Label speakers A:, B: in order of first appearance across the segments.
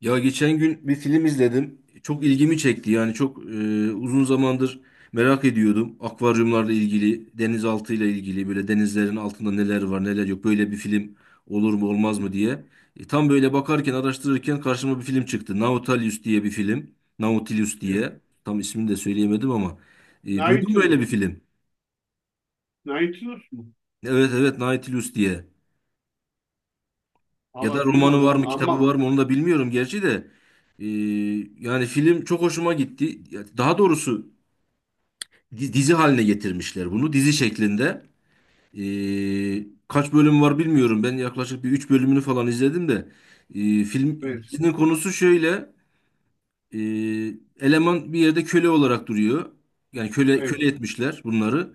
A: Ya geçen gün bir film izledim. Çok ilgimi çekti. Yani çok uzun zamandır merak ediyordum. Akvaryumlarla ilgili, denizaltıyla ilgili böyle denizlerin altında neler var, neler yok. Böyle bir film olur mu, olmaz mı diye. Tam böyle bakarken, araştırırken karşıma bir film çıktı. Nautilus diye bir film. Nautilus
B: Evet.
A: diye. Tam ismini de söyleyemedim ama. Duydun mu
B: Nautilus.
A: böyle bir film?
B: Nautilus mu?
A: Evet, evet, Nautilus diye. Ya da
B: Allah
A: romanı var
B: duymadım
A: mı, kitabı
B: ama
A: var mı onu da bilmiyorum gerçi de. Ee, Yani film çok hoşuma gitti. Ya daha doğrusu dizi haline getirmişler bunu. Dizi şeklinde. Kaç bölüm var bilmiyorum. Ben yaklaşık bir 3 bölümünü falan izledim de. Film
B: evet.
A: dizinin konusu şöyle. Ee, Eleman bir yerde köle olarak duruyor. Yani köle
B: Evet.
A: köle etmişler bunları.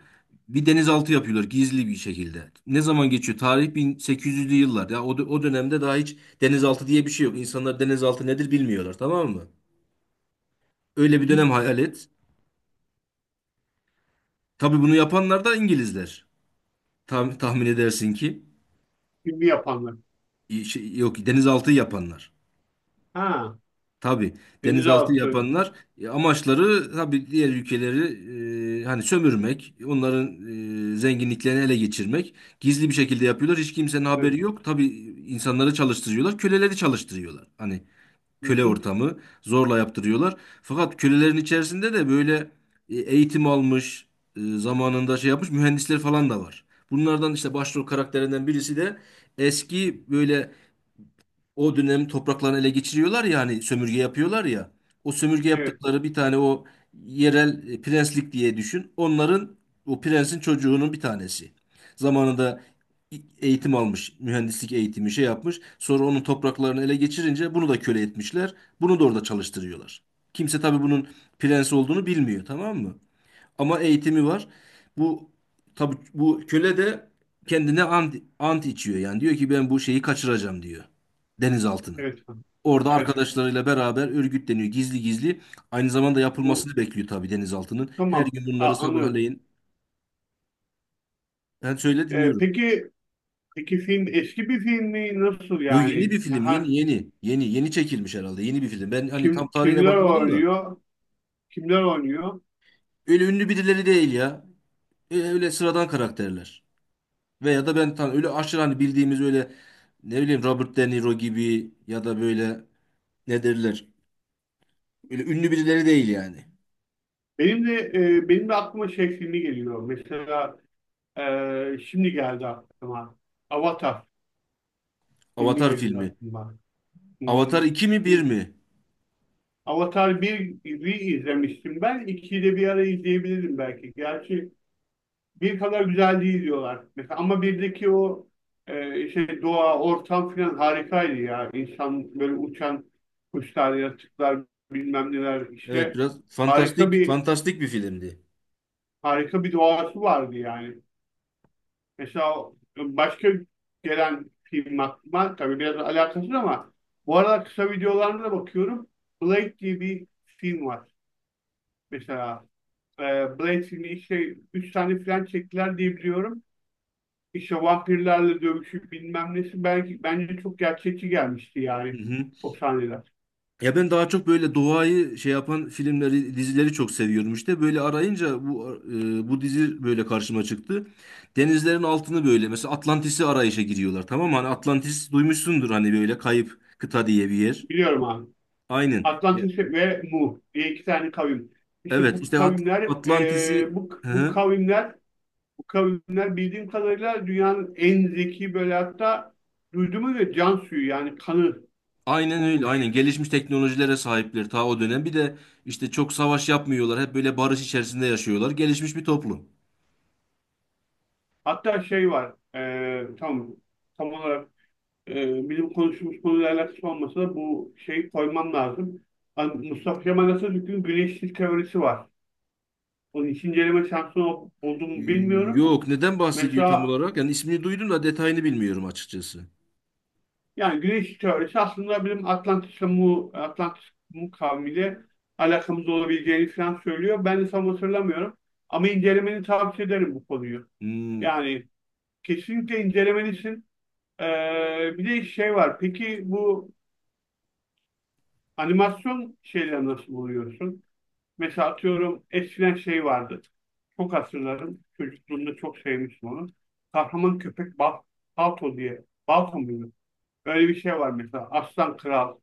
A: Bir denizaltı yapıyorlar gizli bir şekilde. Ne zaman geçiyor? Tarih 1800'lü yıllar. Ya o dönemde daha hiç denizaltı diye bir şey yok. İnsanlar denizaltı nedir bilmiyorlar, tamam mı? Öyle
B: Hı
A: bir
B: hı.
A: dönem hayal et. Tabii bunu yapanlar da İngilizler. Tam, tahmin edersin ki
B: Filmi yapanlar.
A: Şey, yok, denizaltı yapanlar.
B: Ha,
A: Tabii denizaltı
B: denizaltı.
A: yapanlar, amaçları tabii diğer ülkeleri, hani sömürmek, onların zenginliklerini ele geçirmek. Gizli bir şekilde yapıyorlar. Hiç kimsenin
B: Evet.
A: haberi yok. Tabii insanları çalıştırıyorlar, köleleri çalıştırıyorlar. Hani
B: Hı
A: köle
B: hı.
A: ortamı zorla yaptırıyorlar. Fakat kölelerin içerisinde de böyle eğitim almış, zamanında şey yapmış mühendisler falan da var. Bunlardan işte başrol karakterinden birisi de eski böyle o dönem topraklarını ele geçiriyorlar ya, hani sömürge yapıyorlar ya. O sömürge
B: Evet.
A: yaptıkları bir tane o yerel prenslik diye düşün. Onların o prensin çocuğunun bir tanesi. Zamanında eğitim almış, mühendislik eğitimi şey yapmış. Sonra onun topraklarını ele geçirince bunu da köle etmişler. Bunu da orada çalıştırıyorlar. Kimse tabii bunun prens olduğunu bilmiyor, tamam mı? Ama eğitimi var. Bu, tabi bu köle de kendine ant içiyor, yani diyor ki ben bu şeyi kaçıracağım diyor, denizaltını.
B: Evet.
A: Orada
B: Evet.
A: arkadaşlarıyla beraber örgütleniyor gizli gizli. Aynı zamanda
B: Bu
A: yapılmasını bekliyor tabii denizaltının. Her
B: tamam.
A: gün bunları
B: Anlıyorum.
A: sabahleyin ben söyle
B: Ee,
A: dinliyorum.
B: peki peki film eski bir film mi? Nasıl
A: Yo, yeni
B: yani?
A: bir film,
B: Ha,
A: yeni yeni çekilmiş herhalde, yeni bir film. Ben hani tam
B: kim
A: tarihine
B: kimler
A: bakmadım da,
B: oynuyor? Kimler oynuyor?
A: öyle ünlü birileri değil ya. Öyle sıradan karakterler. Veya da ben öyle aşırı hani bildiğimiz öyle, ne bileyim, Robert De Niro gibi ya da böyle, ne derler? Öyle ünlü birileri değil yani.
B: Benim de aklıma şey filmi geliyor. Mesela şimdi geldi aklıma. Avatar filmi
A: Avatar
B: geliyor
A: filmi.
B: aklıma. Hı hı.
A: Avatar 2 mi bir
B: Bir-
A: mi?
B: Avatar 1'i izlemiştim ben. 2'yi de bir ara izleyebilirim belki. Gerçi bir kadar güzel değil diyorlar. Mesela ama birdeki o, işte doğa, ortam falan harikaydı ya. İnsan böyle uçan kuşlar, yaratıklar, bilmem neler
A: Evet,
B: işte
A: biraz
B: harika
A: fantastik
B: bir
A: fantastik bir filmdi.
B: harika bir doğası vardı yani. Mesela başka gelen film aklıma, tabii biraz alakasız ama bu arada kısa videolarına da bakıyorum. Blade diye bir film var. Mesela e, Blade filmi işte 3 tane falan çektiler diye biliyorum. İşte vampirlerle dövüşü bilmem nesi, belki bence çok gerçekçi gelmişti
A: Hı
B: yani
A: hı.
B: o sahneler.
A: Ya ben daha çok böyle doğayı şey yapan filmleri, dizileri çok seviyorum işte. Böyle arayınca bu dizi böyle karşıma çıktı. Denizlerin altını böyle, mesela Atlantis'i arayışa giriyorlar, tamam mı? Hani Atlantis duymuşsundur, hani böyle kayıp kıta diye bir yer.
B: Biliyorum abi.
A: Aynen.
B: Atlantis ve Mu diye iki tane kavim. İşte bu
A: Evet işte
B: kavimler e,
A: Atlantis'i.
B: bu,
A: Hı
B: bu
A: hı.
B: kavimler bu kavimler bildiğim kadarıyla dünyanın en zeki, böyle hatta duyduğuma göre can suyu yani kanı
A: Aynen öyle, aynen
B: bulmuş.
A: gelişmiş teknolojilere sahipler ta o dönem. Bir de işte çok savaş yapmıyorlar. Hep böyle barış içerisinde yaşıyorlar. Gelişmiş bir toplum.
B: Hatta şey var, tam olarak, bizim konuştuğumuz konuyla alakası olmasa da bu şeyi koymam lazım. Mustafa Kemal Atatürk'ün güneşsiz teorisi var. Onun hiç inceleme şansı oldu mu bilmiyorum.
A: Yok, neden bahsediyor tam
B: Mesela,
A: olarak? Yani ismini duydum da detayını bilmiyorum açıkçası.
B: yani güneş teorisi aslında bizim Atlantis'le Mu, Atlantis Mu kavmiyle alakamız olabileceğini falan söylüyor. Ben de tam hatırlamıyorum. Ama incelemeni tavsiye ederim bu konuyu.
A: Hmm.
B: Yani kesinlikle incelemelisin. Ee, Bir de şey var. Peki bu animasyon şeyleri nasıl buluyorsun? Mesela atıyorum, eskiden şey vardı. Çok hatırlarım, çocukluğumda çok sevmiştim onu. Kahraman Köpek Balto diye. Balto muydu? Öyle bir şey var mesela. Aslan Kral.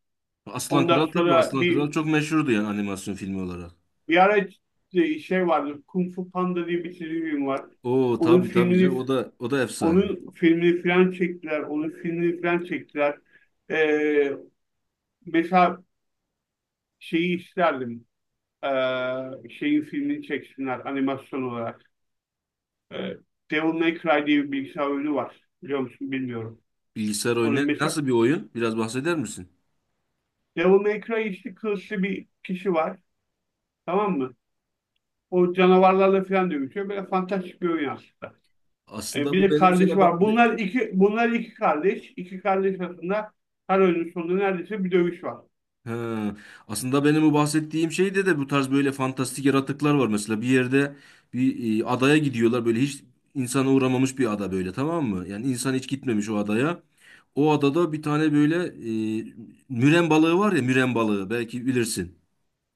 A: Aslan
B: Ondan
A: Kral, tabii
B: sonra
A: Aslan
B: bir,
A: Kral çok meşhurdu yani animasyon filmi olarak.
B: bir ara şey vardı. Kung Fu Panda diye bir çizgi film var.
A: Oo,
B: Onun
A: tabii tabii canım,
B: filmini
A: o da o da efsane.
B: onun filmini falan çektiler. Onun filmini falan çektiler. Ee, Mesela şeyi isterdim. Ee, Şeyin filmini çeksinler animasyon olarak. Ee, Devil May Cry diye bir bilgisayar oyunu var. Biliyor musun? Bilmiyorum.
A: Bilgisayar
B: Onun
A: oyunu
B: mesela,
A: nasıl bir oyun? Biraz bahseder misin?
B: Devil May Cry, işte kılıçlı bir kişi var. Tamam mı? O canavarlarla falan dövüşüyor. Böyle fantastik bir oyun aslında.
A: Aslında
B: Bir
A: bu
B: de
A: benim
B: kardeşi
A: sana bak
B: var. Bunlar iki kardeş. İki kardeş arasında her oyunun sonunda neredeyse bir dövüş var.
A: Ha, aslında benim bu bahsettiğim şeyde de bu tarz böyle fantastik yaratıklar var. Mesela bir yerde bir adaya gidiyorlar, böyle hiç insana uğramamış bir ada böyle, tamam mı? Yani insan hiç gitmemiş o adaya. O adada bir tane böyle e, müren balığı var ya, müren balığı, belki bilirsin.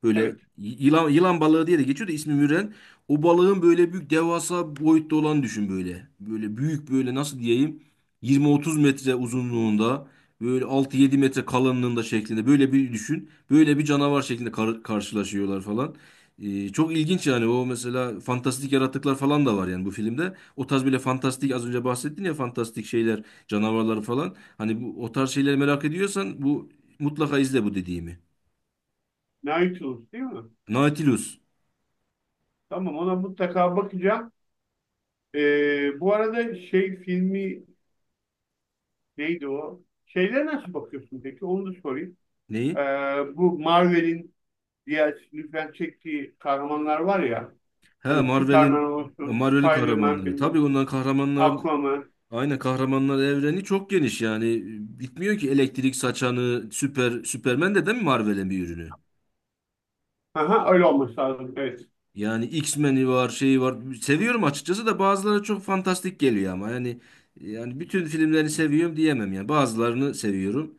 A: Böyle
B: Evet.
A: yılan balığı diye de geçiyor da ismi Müren. O balığın böyle büyük, devasa boyutta olan düşün böyle. Böyle büyük, böyle nasıl diyeyim, 20-30 metre uzunluğunda, böyle 6-7 metre kalınlığında şeklinde, böyle bir düşün. Böyle bir canavar şeklinde karşılaşıyorlar falan. Çok ilginç yani, o mesela fantastik yaratıklar falan da var yani bu filmde. O tarz böyle fantastik, az önce bahsettin ya, fantastik şeyler, canavarlar falan. Hani bu o tarz şeyleri merak ediyorsan bu, mutlaka izle bu dediğimi.
B: Nautilus değil mi?
A: Nautilus.
B: Tamam, ona mutlaka bakacağım. Bu arada şey filmi neydi o? Şeylere nasıl bakıyorsun peki? Onu da sorayım.
A: Neyi?
B: Bu Marvel'in diğer lütfen çektiği kahramanlar var ya.
A: He
B: Hani Superman
A: Marvel'in.
B: olsun,
A: Marvel'in
B: Spider-Man
A: kahramanları. Tabii
B: bilmem,
A: ondan kahramanlar,
B: Aquaman.
A: aynı kahramanlar evreni çok geniş yani, bitmiyor ki. Elektrik saçanı Süper Superman de değil mi Marvel'in bir ürünü?
B: Aha, Öyle olması lazım. Evet.
A: Yani X-Men'i var, şeyi var. Seviyorum açıkçası da bazıları çok fantastik geliyor ama yani bütün filmlerini seviyorum diyemem yani. Bazılarını seviyorum.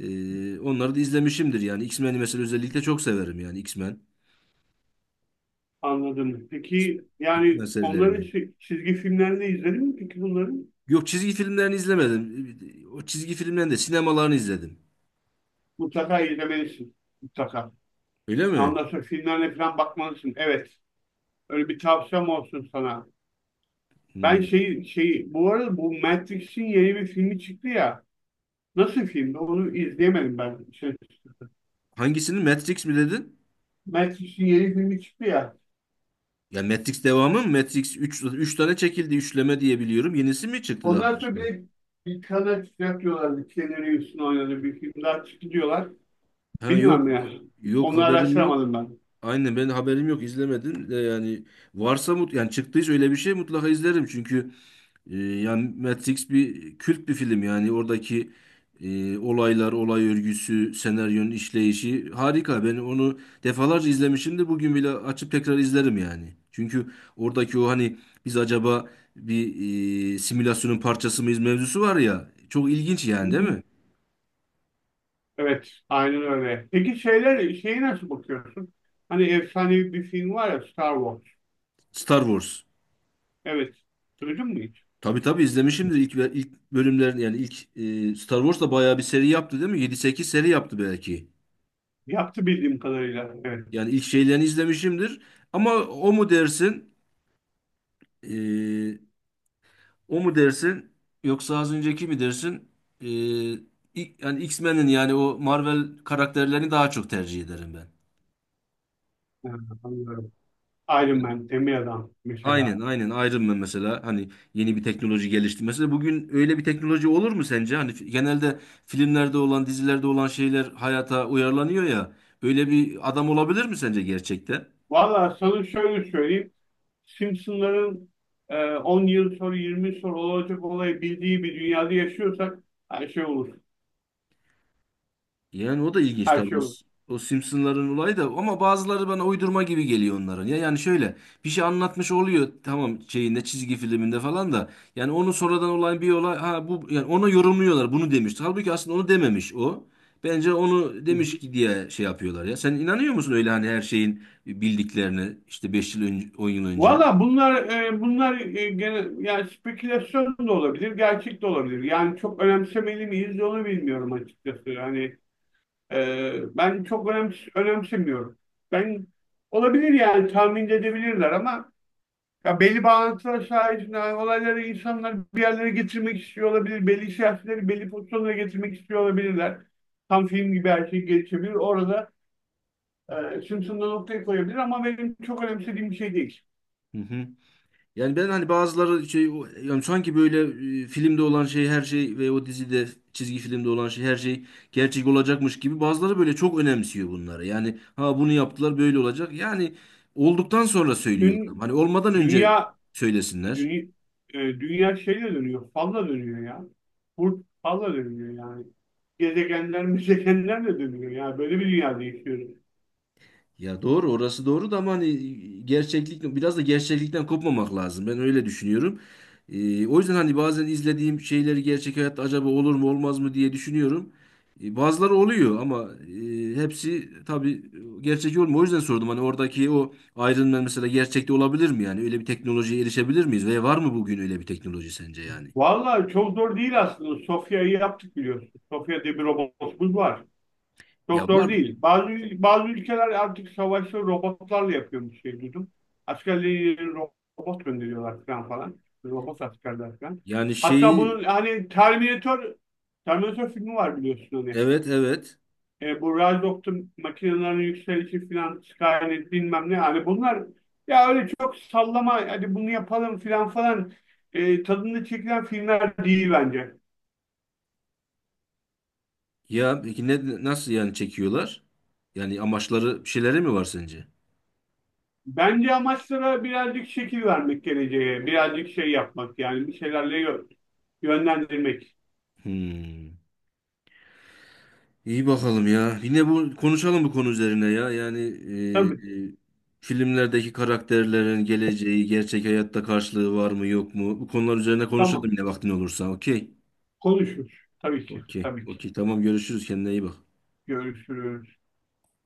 A: Onları da izlemişimdir yani. X-Men'i mesela özellikle çok severim yani, X-Men.
B: Anladım. Peki
A: X-Men
B: yani onların
A: serilerini.
B: çizgi filmlerini izledin mi peki bunları?
A: Yok, çizgi filmlerini izlemedim. O çizgi filmlerin de sinemalarını izledim.
B: Mutlaka izlemelisin. Mutlaka.
A: Öyle mi?
B: Ondan sonra filmlerine falan bakmalısın. Evet. Öyle bir tavsiyem olsun sana. Ben
A: Hmm.
B: bu arada bu Matrix'in yeni bir filmi çıktı ya. Nasıl filmdi? Onu izleyemedim ben. Şey,
A: Hangisini? Matrix mi dedin?
B: Matrix'in yeni filmi çıktı ya.
A: Ya Matrix devamı mı? Matrix üç tane çekildi, üçleme diye biliyorum. Yenisi mi çıktı daha
B: Ondan sonra
A: başka?
B: bir kanal çıkacak diyorlardı. Keanu Reeves'in oynadığı bir film daha çıktı diyorlar.
A: Ha,
B: Bilmiyorum
A: yok,
B: ya.
A: yok,
B: Onu
A: haberim yok.
B: araştıramadım ben.
A: Aynen, ben haberim yok, izlemedim de yani, varsa yani çıktıysa öyle bir şey mutlaka izlerim, çünkü yani Matrix bir kült bir film yani, oradaki olaylar, olay örgüsü, senaryonun işleyişi harika. Ben onu defalarca izlemişimdir. Bugün bile açıp tekrar izlerim yani. Çünkü oradaki o, hani biz acaba bir simülasyonun parçası mıyız mevzusu var ya. Çok ilginç
B: Hı
A: yani, değil
B: hı.
A: mi?
B: Evet, aynen öyle. Peki şeyler şeyi nasıl bakıyorsun? Hani efsanevi bir film var ya, Star Wars.
A: Star Wars.
B: Evet. Duydun mu hiç?
A: Tabii tabii izlemişimdir ilk ilk bölümlerin yani, ilk, Star Wars da bayağı bir seri yaptı değil mi? 7-8 seri yaptı belki.
B: Yaptı bildiğim kadarıyla. Evet.
A: Yani ilk şeylerini izlemişimdir. Ama o mu dersin? Ee, O mu dersin yoksa az önceki mi dersin? Ee, Yani X-Men'in, yani o Marvel karakterlerini daha çok tercih ederim ben.
B: Ha, Anlıyorum. Iron
A: Evet.
B: Man, Demir Adam mesela.
A: Aynen, aynen, Iron Man mesela, hani yeni bir teknoloji gelişti. Mesela bugün öyle bir teknoloji olur mu sence? Hani genelde filmlerde olan, dizilerde olan şeyler hayata uyarlanıyor ya. Öyle bir adam olabilir mi sence gerçekte?
B: Valla sana şöyle söyleyeyim. Simpsonların, 10 yıl sonra 20 yıl sonra olacak olayı bildiği bir dünyada yaşıyorsak her şey olur.
A: Yani o da ilginç
B: Her
A: tabii.
B: şey
A: O,
B: olur.
A: o Simpson'ların olayı da, ama bazıları bana uydurma gibi geliyor onların. Ya yani şöyle bir şey anlatmış oluyor, tamam, şeyinde çizgi filminde falan da, yani onu sonradan olan bir olay, ha bu yani ona yorumluyorlar, bunu demiş. Halbuki aslında onu dememiş o. Bence onu
B: Hı
A: demiş
B: hı.
A: ki diye şey yapıyorlar ya. Sen inanıyor musun öyle, hani her şeyin bildiklerine işte 5 yıl önce, 10 yıl önce?
B: Valla bunlar, gene yani spekülasyon da olabilir, gerçek de olabilir. Yani çok önemsemeli miyiz onu bilmiyorum açıkçası. Yani, ben çok önemsemiyorum. Ben olabilir, yani tahmin edebilirler ama ya, belli bağlantılar sayesinde olayları insanlar bir yerlere getirmek istiyor olabilir. Belli siyasetleri belli pozisyonlara getirmek istiyor olabilirler. Tam film gibi her şey gelişebilir. Orada, Simpson'da noktayı koyabilir ama benim çok önemsediğim bir şey değil.
A: Hı hı. Yani ben hani bazıları şey, yani sanki böyle filmde olan şey, her şey ve o dizide, çizgi filmde olan şey, her şey gerçek olacakmış gibi, bazıları böyle çok önemsiyor bunları. Yani ha, bunu yaptılar, böyle olacak. Yani olduktan sonra söylüyorlar.
B: Dün,
A: Hani olmadan önce
B: dünya
A: söylesinler.
B: dünya, dünya şeyle dönüyor. Falla dönüyor ya. Burt falla dönüyor yani. Gezegenler, müzegenler de dönüyor. Yani böyle bir dünyada yaşıyoruz.
A: Ya doğru, orası doğru da, ama hani gerçeklik, biraz da gerçeklikten kopmamak lazım. Ben öyle düşünüyorum. O yüzden hani bazen izlediğim şeyleri gerçek hayatta acaba olur mu olmaz mı diye düşünüyorum. Bazıları oluyor ama hepsi tabii gerçek olmuyor. O yüzden sordum, hani oradaki o Iron Man mesela gerçekte olabilir mi yani? Öyle bir teknolojiye erişebilir miyiz? Ve var mı bugün öyle bir teknoloji sence yani?
B: Vallahi çok zor değil aslında. Sofya'yı yaptık biliyorsun. Sofya diye bir robotumuz var.
A: Ya
B: Çok zor
A: var.
B: değil. Bazı ülkeler artık savaşları robotlarla yapıyormuş şey duydum. Askerleri robot gönderiyorlar falan falan. Robot askerler falan.
A: Yani
B: Hatta
A: şeyi,
B: bunun hani Terminator filmi var biliyorsun hani.
A: evet, evet.
B: Bu Rise makinelerin yükselişi falan, Skynet bilmem ne. Hani bunlar ya öyle çok sallama hadi bunu yapalım falan falan, tadında çekilen filmler değil bence.
A: Ya peki ne, nasıl yani çekiyorlar? Yani amaçları bir şeyleri mi var sence?
B: Bence amaçlara birazcık şekil vermek geleceğe, birazcık şey yapmak, yani bir şeylerle yönlendirmek.
A: Hmm. İyi bakalım ya. Yine bu, konuşalım bu konu üzerine ya. Yani, e, e,
B: Tabii,
A: filmlerdeki karakterlerin geleceği, gerçek hayatta karşılığı var mı yok mu? Bu konular üzerine konuşalım
B: tamam.
A: yine vaktin olursa. Okey.
B: Konuşuruz. Tabii ki,
A: Okey.
B: tabii ki.
A: Okey. Tamam, görüşürüz. Kendine iyi bak.
B: Görüşürüz.